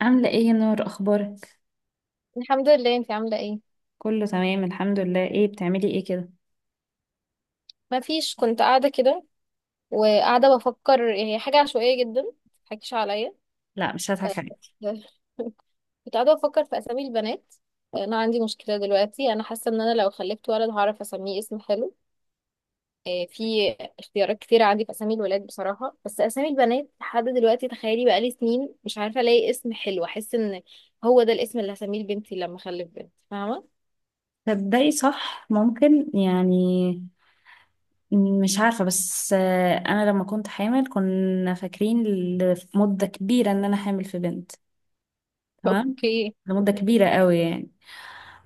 عاملة ايه يا نور، اخبارك؟ الحمد لله. انت عاملة ايه؟ كله تمام، الحمد لله. ايه بتعملي ايه كده؟ ما فيش، كنت قاعدة كده وقاعدة بفكر، هي حاجة عشوائية جدا. متضحكيش عليا. لا، مش هضحك عليك. كنت قاعدة بفكر في أسامي البنات. أنا عندي مشكلة دلوقتي، أنا حاسة إن أنا لو خلفت ولد هعرف أسميه اسم حلو. في اختيارات كتير عندي في أسامي الولاد بصراحة، بس أسامي البنات لحد دلوقتي، تخيلي بقالي سنين مش عارفة ألاقي اسم حلو أحس إن هو ده الاسم اللي هسميه لبنتي لما أخلف بنت، فاهمة؟ تبدأي صح، ممكن يعني. مش عارفة، بس انا لما كنت حامل كنا فاكرين لمدة كبيرة ان انا حامل في بنت. تمام. اوكي. لمدة كبيرة قوي يعني،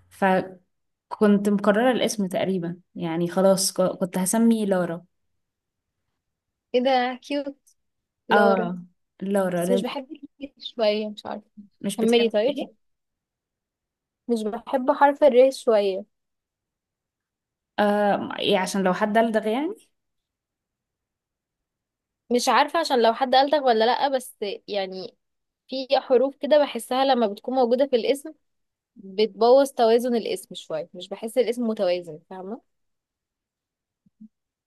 فكنت مقررة الاسم تقريبا يعني، خلاص كنت هسمي لارا. ايه ده كيوت. لورا؟ اه، لارا. بس مش بحب الكيوت شوية، مش عارفة. مش كملي بتحبي طيب. ايه؟ مش بحب حرف الر شوية. آه، إيه، عشان لو حد دلدغ يعني. مش عارفة عشان لو حد قالتك ولا لأ، بس يعني في حروف كده بحسها لما بتكون موجودة في الاسم بتبوظ توازن الاسم شوية، مش بحس الاسم متوازن، فاهمة؟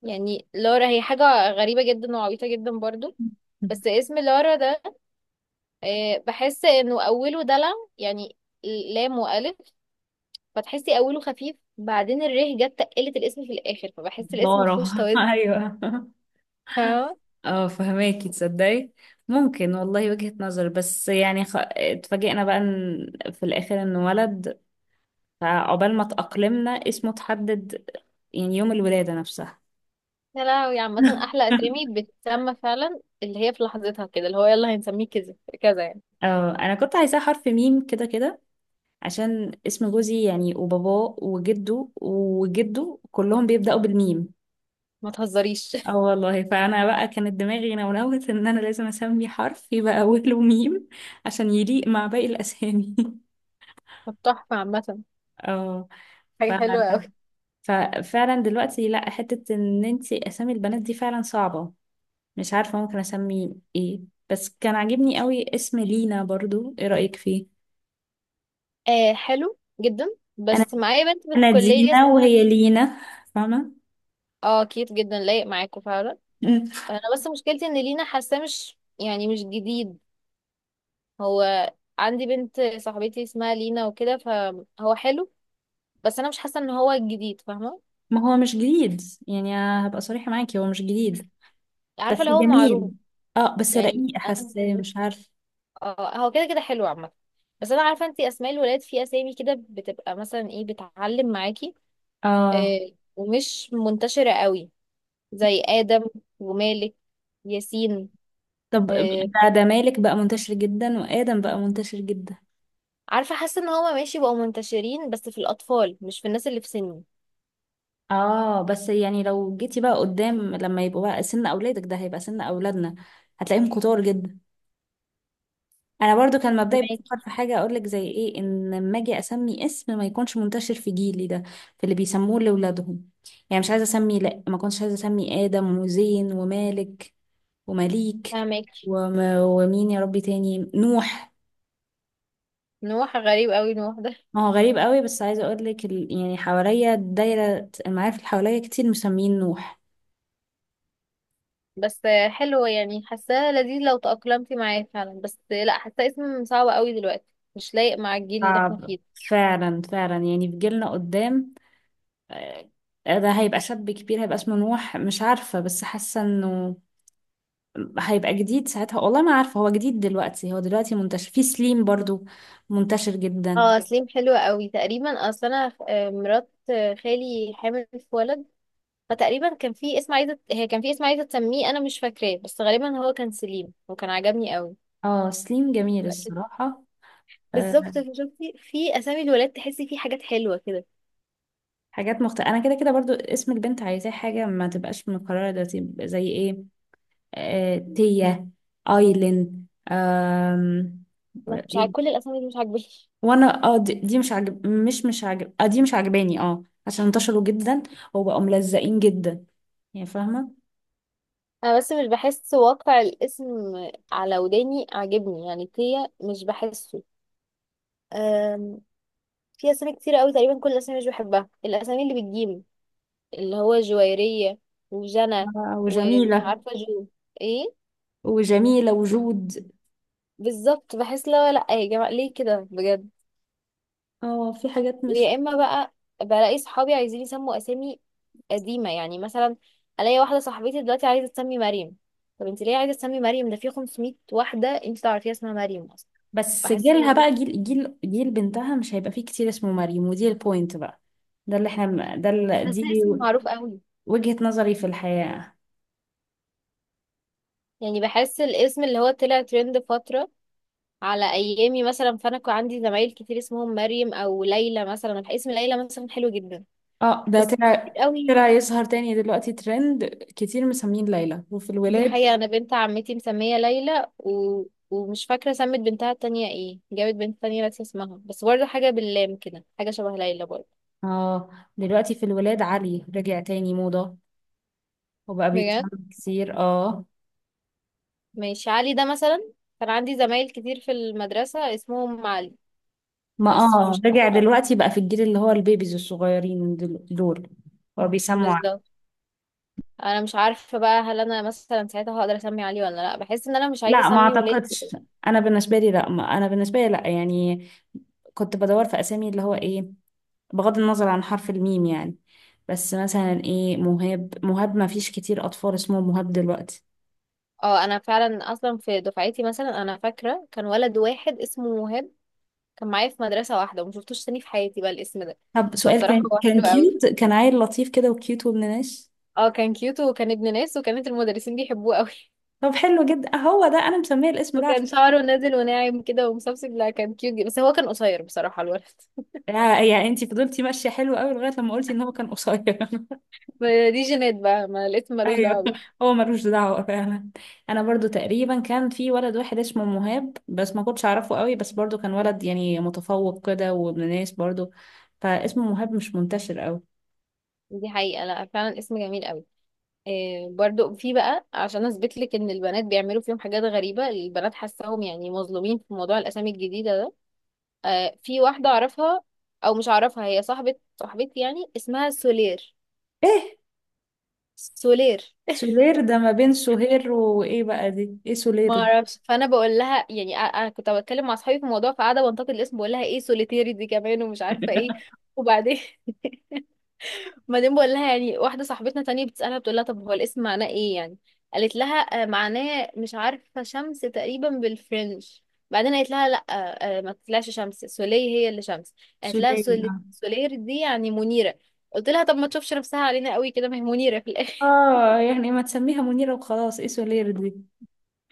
يعني لورا هي حاجة غريبة جدا وعبيطة جدا برضو، بس اسم لورا ده بحس انه اوله دلع، يعني لام والف، فتحسي اوله خفيف بعدين الره جت تقلت الاسم في الاخر، فبحس الاسم لارا. مفهوش ايوه، توازن. اه فهماكي، تصدقي؟ ممكن والله، وجهة نظر، بس يعني اتفاجئنا بقى ان في الاخر انه ولد. فعقبال ما اتأقلمنا اسمه اتحدد، يعني يوم الولادة نفسها. يا لهوي، عامة أحلى أسامي بتسمى فعلا اللي هي في لحظتها كده، اللي هو يلا هنسميه كذا كذا يعني. اه، انا كنت عايزاه حرف ميم كده كده، عشان اسم جوزي يعني وباباه وجده وجده كلهم بيبدأوا بالميم. ما تهزريش. اه والله، فانا بقى كانت دماغي نونوت ان انا لازم اسمي حرف يبقى اوله ميم، عشان يليق مع باقي الاسامي. طب تحفة عامة. اه، حاجة حلوة أوي. ففعلا دلوقتي لا، حتة ان انتي اسامي البنات دي فعلا صعبة، مش عارفة ممكن اسمي ايه. بس كان عاجبني قوي اسم لينا برضو، ايه رأيك فيه؟ آه، حلو جدا، انا بس معايا بنت في انا الكلية دينا اسمها وهي لينا. لينا، فاهمة؟ اه كيوت جدا، لايق معاكوا فعلا. مم. أنا بس مشكلتي إن لينا حاساه مش يعني مش جديد. هو عندي بنت صاحبتي اسمها لينا وكده، فهو حلو، بس أنا مش حاسة إن هو جديد، فاهمة؟ ما هو مش جديد، يعني هبقى صريحة معاكي، هو مش جديد، عارفة بس اللي هو جميل. معروف اه بس يعني. رقيق، أنا حاسة مستنية. مش عارف. اه هو كده كده حلو عامة، بس انا عارفة انتي اسماء الولاد في اسامي كده بتبقى مثلا ايه، بتعلم معاكي. اه. آه. ومش منتشرة قوي، زي آدم ومالك، ياسين. طب آه ده مالك بقى منتشر جدا، وآدم بقى منتشر جدا. عارفة، حاسة ان هما ماشي بقوا منتشرين بس في الأطفال، مش في الناس اللي في سني. اه بس يعني لو جيتي بقى قدام، لما يبقوا بقى سن اولادك، ده هيبقى سن اولادنا، هتلاقيهم كتار جدا. انا برضو كان مبدئي فهماكي. بفكر في حاجه، اقول لك زي ايه، ان لما اجي اسمي اسم ما يكونش منتشر في جيلي ده في اللي بيسموه لاولادهم. يعني مش عايزه اسمي، لا، ما كنتش عايزه اسمي ادم وزين ومالك ومليك، فهماكي. ومين يا ربي تاني، نوح. نوح غريب قوي نوح ده. ما هو غريب قوي، بس عايزه اقول لك يعني حواليا دايره المعارف اللي حواليا كتير مسمين نوح. بس حلو يعني حاساه لذيذ لو تأقلمتي معاه فعلا، بس لا حاساه اسم صعب قوي دلوقتي، مش لايق مع الجيل اللي احنا صعب، فيه ده. فعلا فعلا، يعني في جيلنا قدام، آه، ده هيبقى شاب كبير، هيبقى اسمه نوح. مش عارفة بس حاسة انه هيبقى جديد ساعتها. والله ما عارفة، هو جديد دلوقتي؟ هو دلوقتي منتشر، في سليم برضو منتشر جدا. اه سليم حلو قوي. تقريبا اصل انا مرات خالي حامل في ولد، فتقريبا كان في اسم عايزه، هي كان في اسم عايزه تسميه، انا مش فاكراه، بس غالبا هو كان سليم وكان عجبني قوي. اه، سليم جميل أكيد. الصراحة. آه، بالظبط، فشفتي في اسامي الولاد تحسي فيه حاجات حلوه كده. حاجات مختلفة. انا كده كده برضو اسم البنت عايزاه حاجة ما تبقاش مكررة، ده تبقى زي ايه، تيا، ايلين. أنا مش عاجب كل ايه، الاسامي دي، مش عاجباني. وانا دي مش عاجب، مش عاجب، دي مش عاجباني، اه، عشان انتشروا جدا وبقوا ملزقين جدا، يعني فاهمة. انا بس مش بحس واقع الاسم على وداني عاجبني، يعني تيا مش بحسه. أم، في اسامي كتير قوي، تقريبا كل الاسامي مش بحبها. الاسامي اللي بالجيم، اللي هو جويرية وجنى آه ومش وجميلة، عارفة جو ايه، وجميلة وجود. بالظبط بحس لا لا يا جماعة، ليه كده بجد؟ اه، في حاجات مش. ويا اما بقى بلاقي صحابي عايزين يسموا اسامي قديمة، يعني مثلا الاقي واحدة صاحبتي دلوقتي عايزة تسمي مريم. طب انت ليه عايزة تسمي مريم؟ ده في 500 واحدة انت تعرفيها اسمها مريم اصلا. بس بحس ان جيلها هو، بقى، جيل، جيل بنتها مش هيبقى فيه كتير اسمه مريم، ودي البوينت بقى. ده اللي احنا، ده اللي بحس دي اسم معروف قوي وجهة نظري في الحياة. يعني. بحس الاسم اللي هو طلع ترند فترة على ايامي مثلا، فانا كان عندي زمايل كتير اسمهم مريم او ليلى مثلا. اسم ليلى مثلا حلو جدا، اه ده بس كتير طلع قوي. طلع يظهر تاني دلوقتي ترند، كتير مسمين ليلى، وفي دي الولاد. حقيقة. أنا بنت عمتي مسمية ليلى ومش فاكرة سمت بنتها التانية ايه، جابت بنت تانية، ناسية اسمها، بس برضه حاجة باللام كده، حاجة شبه ليلى برضه. اه دلوقتي في الولاد علي رجع تاني موضة، وبقى بجد. بيتعمل كتير. اه ماشي علي ده مثلا، كان عندي زمايل كتير في المدرسة اسمهم علي، ما بس فمش رجع عارفة بقى. دلوقتي بقى في الجيل اللي هو البيبيز الصغيرين دول، هو بيسموا عليه. بالظبط. أنا مش عارفة بقى، هل أنا مثلا ساعتها هقدر أسمي علي ولا لأ، بحس إن أنا مش عايزة لا، ما أسمي اعتقدش. ولادي. انا بالنسبه لي لا، ما انا بالنسبه لي لا، يعني كنت بدور في اسامي اللي هو ايه، بغض النظر عن حرف الميم يعني. بس مثلا ايه، مهاب ما فيش كتير اطفال اسمه مهاب دلوقتي. اه أنا فعلا، أصلا في دفعتي مثلا أنا فاكرة كان ولد واحد اسمه وهاب، كان معايا في مدرسة واحدة، وما شفتوش تاني في حياتي بقى الاسم ده. طب سؤال، فبصراحة كان هو كان حلو قوي. كيوت، كان عيل لطيف كده وكيوت وابن ناس؟ اه كان كيوت وكان ابن ناس، وكانت المدرسين بيحبوه قوي. طب حلو جدا، هو ده انا مسميه الاسم ده وكان عشان... شعره نازل وناعم كده ومسبسب، لا كان كيوت جدا، بس هو كان قصير بصراحة الولد. يا, يا انتي فضلتي ماشيه حلو قوي لغايه لما قلتي ان هو كان قصير. ما دي جينات بقى، ما الاسم ملوش ايوه، دعوة بيها. هو ملوش دعوه فعلا. انا برضو تقريبا كان في ولد واحد اسمه مهاب، بس ما كنتش اعرفه قوي، بس برضو كان ولد يعني متفوق كده وابن ناس برضو، فاسمه مهاب مش منتشر قوي. دي حقيقة. لا فعلا اسم جميل قوي. إيه برضو في بقى، عشان اثبت لك ان البنات بيعملوا فيهم حاجات غريبة، البنات حاساهم يعني مظلومين في موضوع الاسامي الجديدة ده. آه، في واحدة اعرفها، او مش اعرفها، هي صاحبة صاحبتي يعني، اسمها سولير. ايه سولير. سولير ده، ما بين سهير وايه بقى دي، ايه سولير ما دي؟ اعرفش، فانا بقول لها يعني، انا كنت بتكلم مع اصحابي في الموضوع فقاعده بنتقد الاسم، بقول لها ايه سوليتيري دي كمان ومش عارفه ايه، وبعدين بعدين بقول لها، يعني واحده صاحبتنا تانية بتسالها، بتقول لها طب هو الاسم معناه ايه يعني، قالت لها معناه مش عارفه شمس تقريبا بالفرنش، بعدين قالت لها لا، ما تطلعش شمس، سولي هي اللي شمس. قالت لها سولير، سولير دي يعني منيره. قلت لها طب ما تشوفش نفسها علينا قوي كده، ما هي منيره في اه. الاخر. يعني ما تسميها منيرة وخلاص، ايه سولير دي؟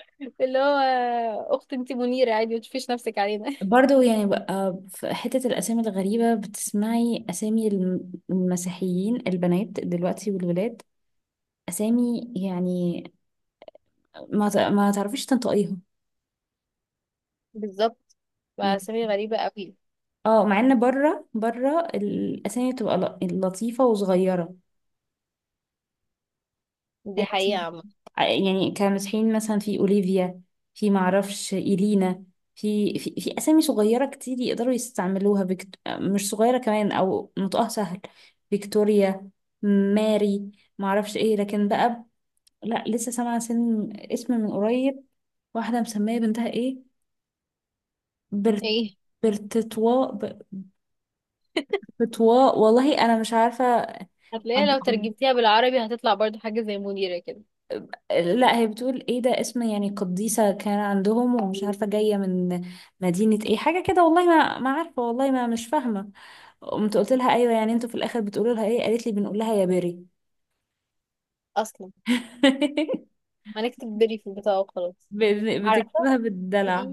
اللي هو اخت انت منيره عادي، ما تشوفيش نفسك علينا. برضو يعني بقى في حتة الأسامي الغريبة، بتسمعي أسامي المسيحيين البنات دلوقتي والولاد، أسامي يعني ما تعرفيش تنطقيها بالظبط. يعني. وأسامي غريبة قوي. اه مع ان بره بره الاسامي بتبقى لطيفه وصغيره، دي يعني حقيقة مثلا، عامة. يعني كمسيحيين مثلا، في اوليفيا، في معرفش ايلينا، في اسامي صغيره كتير يقدروا يستعملوها، مش صغيره كمان او نطقها سهل. فيكتوريا، ماري، معرفش ايه. لكن بقى، لا لسه سامعه سن اسم من قريب، واحده مسميه بنتها ايه، برت... ايه، برتتوا. فتوى والله، انا مش عارفه. هتلاقيها لو ترجمتيها بالعربي هتطلع برضو حاجة زي منيرة كده. لا، هي بتقول ايه ده اسم يعني قديسه كان عندهم، ومش عارفه جايه من مدينه ايه، حاجه كده، والله ما عارفه، والله ما مش فاهمه. قمت قلت لها ايوه، يعني انتوا في الاخر بتقولوا لها ايه؟ قالت لي بنقول لها يا بري. أصلا هنكتب بري في البتاع وخلاص. عارفة، بتكتبها في بالدلع.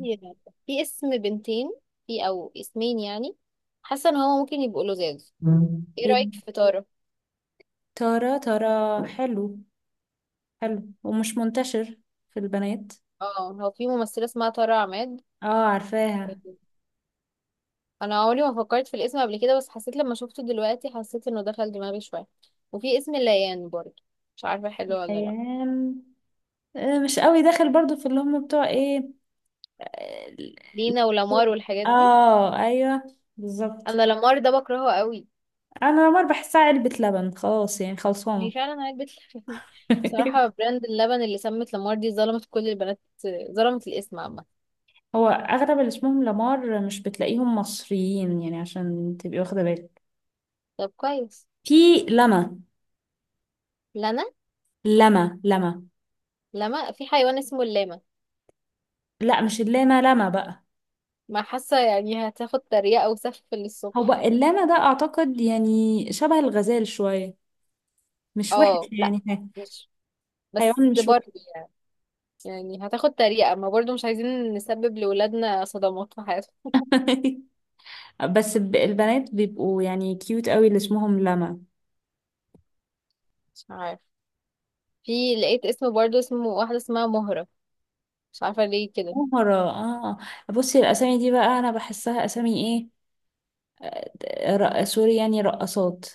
في اسم بنتين، في أو اسمين يعني، حاسة إن هو ممكن يبقوا لزاز. مم. ايه ايه؟ رأيك في تارة؟ ترى، حلو، حلو ومش منتشر في البنات. اه هو في ممثلة اسمها تارة عماد. اه عارفاها. أنا عمري ما فكرت في الاسم قبل كده، بس حسيت لما شفته دلوقتي حسيت إنه دخل دماغي شوية. وفي اسم ليان برضو، مش عارفة حلو ولا لأ. ايام. مش قوي داخل برضو، في اللي هم بتوع ايه. لينا ولامار والحاجات دي. اه ايوه، بالظبط. انا لامار ده بكرهه قوي. انا لامار بحسها علبة لبن خلاص، يعني ما هي خلصانة. فعلا علبة لبن. بصراحة براند اللبن اللي سمت لامار دي ظلمت كل البنات، ظلمت الاسم عامة. هو اغلب اللي اسمهم لامار مش بتلاقيهم مصريين يعني، عشان تبقي واخدة بالك. طب كويس. في لما لنا. لما لما. لما. في حيوان اسمه اللاما، لا مش اللاما، لما بقى. ما حاسة يعني هتاخد تريقة وسف هو للصبح. اللاما ده اعتقد يعني شبه الغزال شوية، مش وحش اه لا، يعني. مش، بس حيوان مش وحش. برضه يعني، يعني هتاخد تريقة، ما برضه مش عايزين نسبب لولادنا صدمات في حياتهم. بس البنات بيبقوا يعني كيوت قوي اللي اسمهم لما. مش عارف. في لقيت اسم برضه، اسمه واحدة اسمها مهرة، مش عارفة ليه كده، مهرة؟ اه. بصي الأسامي دي بقى، أنا بحسها أسامي إيه، سوري، يعني رقصات،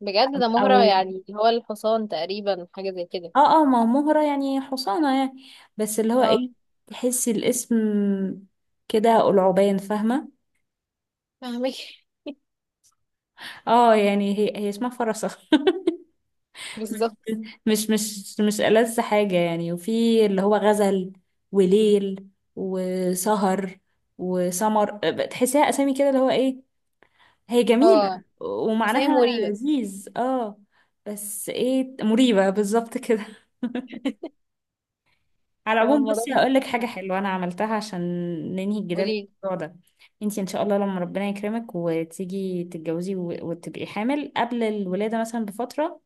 بجد ده مهرة أو... يعني هو الحصان تقريبا، حاجة زي كده. اه ما مهرة يعني حصانة يعني، بس اللي هو اه. إيه، تحسي الاسم كده قلعبان، فاهمة؟ فاهمك. اه يعني هي اسمها فرسة. بالظبط. مش ألذ حاجة يعني. وفي اللي هو غزل، وليل، وسهر، وسمر، بتحسيها أسامي كده اللي هو إيه، هي اه. جميلة اسامي ومعناها مريبة. لذيذ اه. بس ايه، مريبة بالظبط كده. على فاهمة العموم الموضوع. بصي، هقول لك حاجة حلوة أنا عملتها عشان ننهي الجدال في قولي. الموضوع ده. انتي إن شاء الله لما ربنا يكرمك وتيجي تتجوزي وتبقي حامل، قبل الولادة مثلا بفترة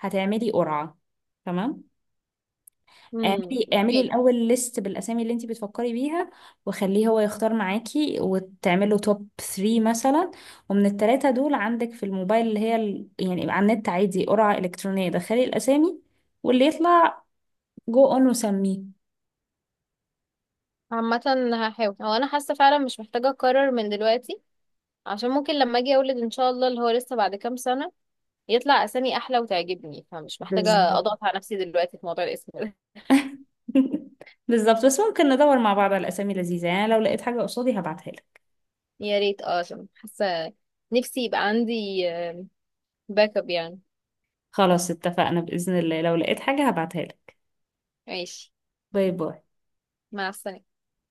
هتعملي قرعة، تمام؟ اعملي اعملي ماشي. الاول ليست بالاسامي اللي انت بتفكري بيها، وخليه هو يختار معاكي وتعمله توب 3 مثلا، ومن الثلاثه دول عندك في الموبايل اللي هي يعني على النت عادي قرعه الكترونيه، دخلي الاسامي واللي يطلع جو اون وسميه. عامة هحاول، هو انا حاسة فعلا مش محتاجة اقرر من دلوقتي، عشان ممكن لما اجي اولد ان شاء الله اللي هو لسه بعد كام سنة، يطلع اسامي احلى وتعجبني، فمش محتاجة بالظبط. اضغط على نفسي دلوقتي في موضوع الاسم ده. بالظبط، بس ممكن ندور مع بعض على اسامي لذيذه يعني، لو لقيت حاجه قصادي هبعتها لك. يا ريت، اه، عشان حاسة نفسي يبقى عندي باك اب يعني. خلاص اتفقنا، باذن الله لو لقيت حاجه هبعتها لك. ماشي. باي باي. مع السنة.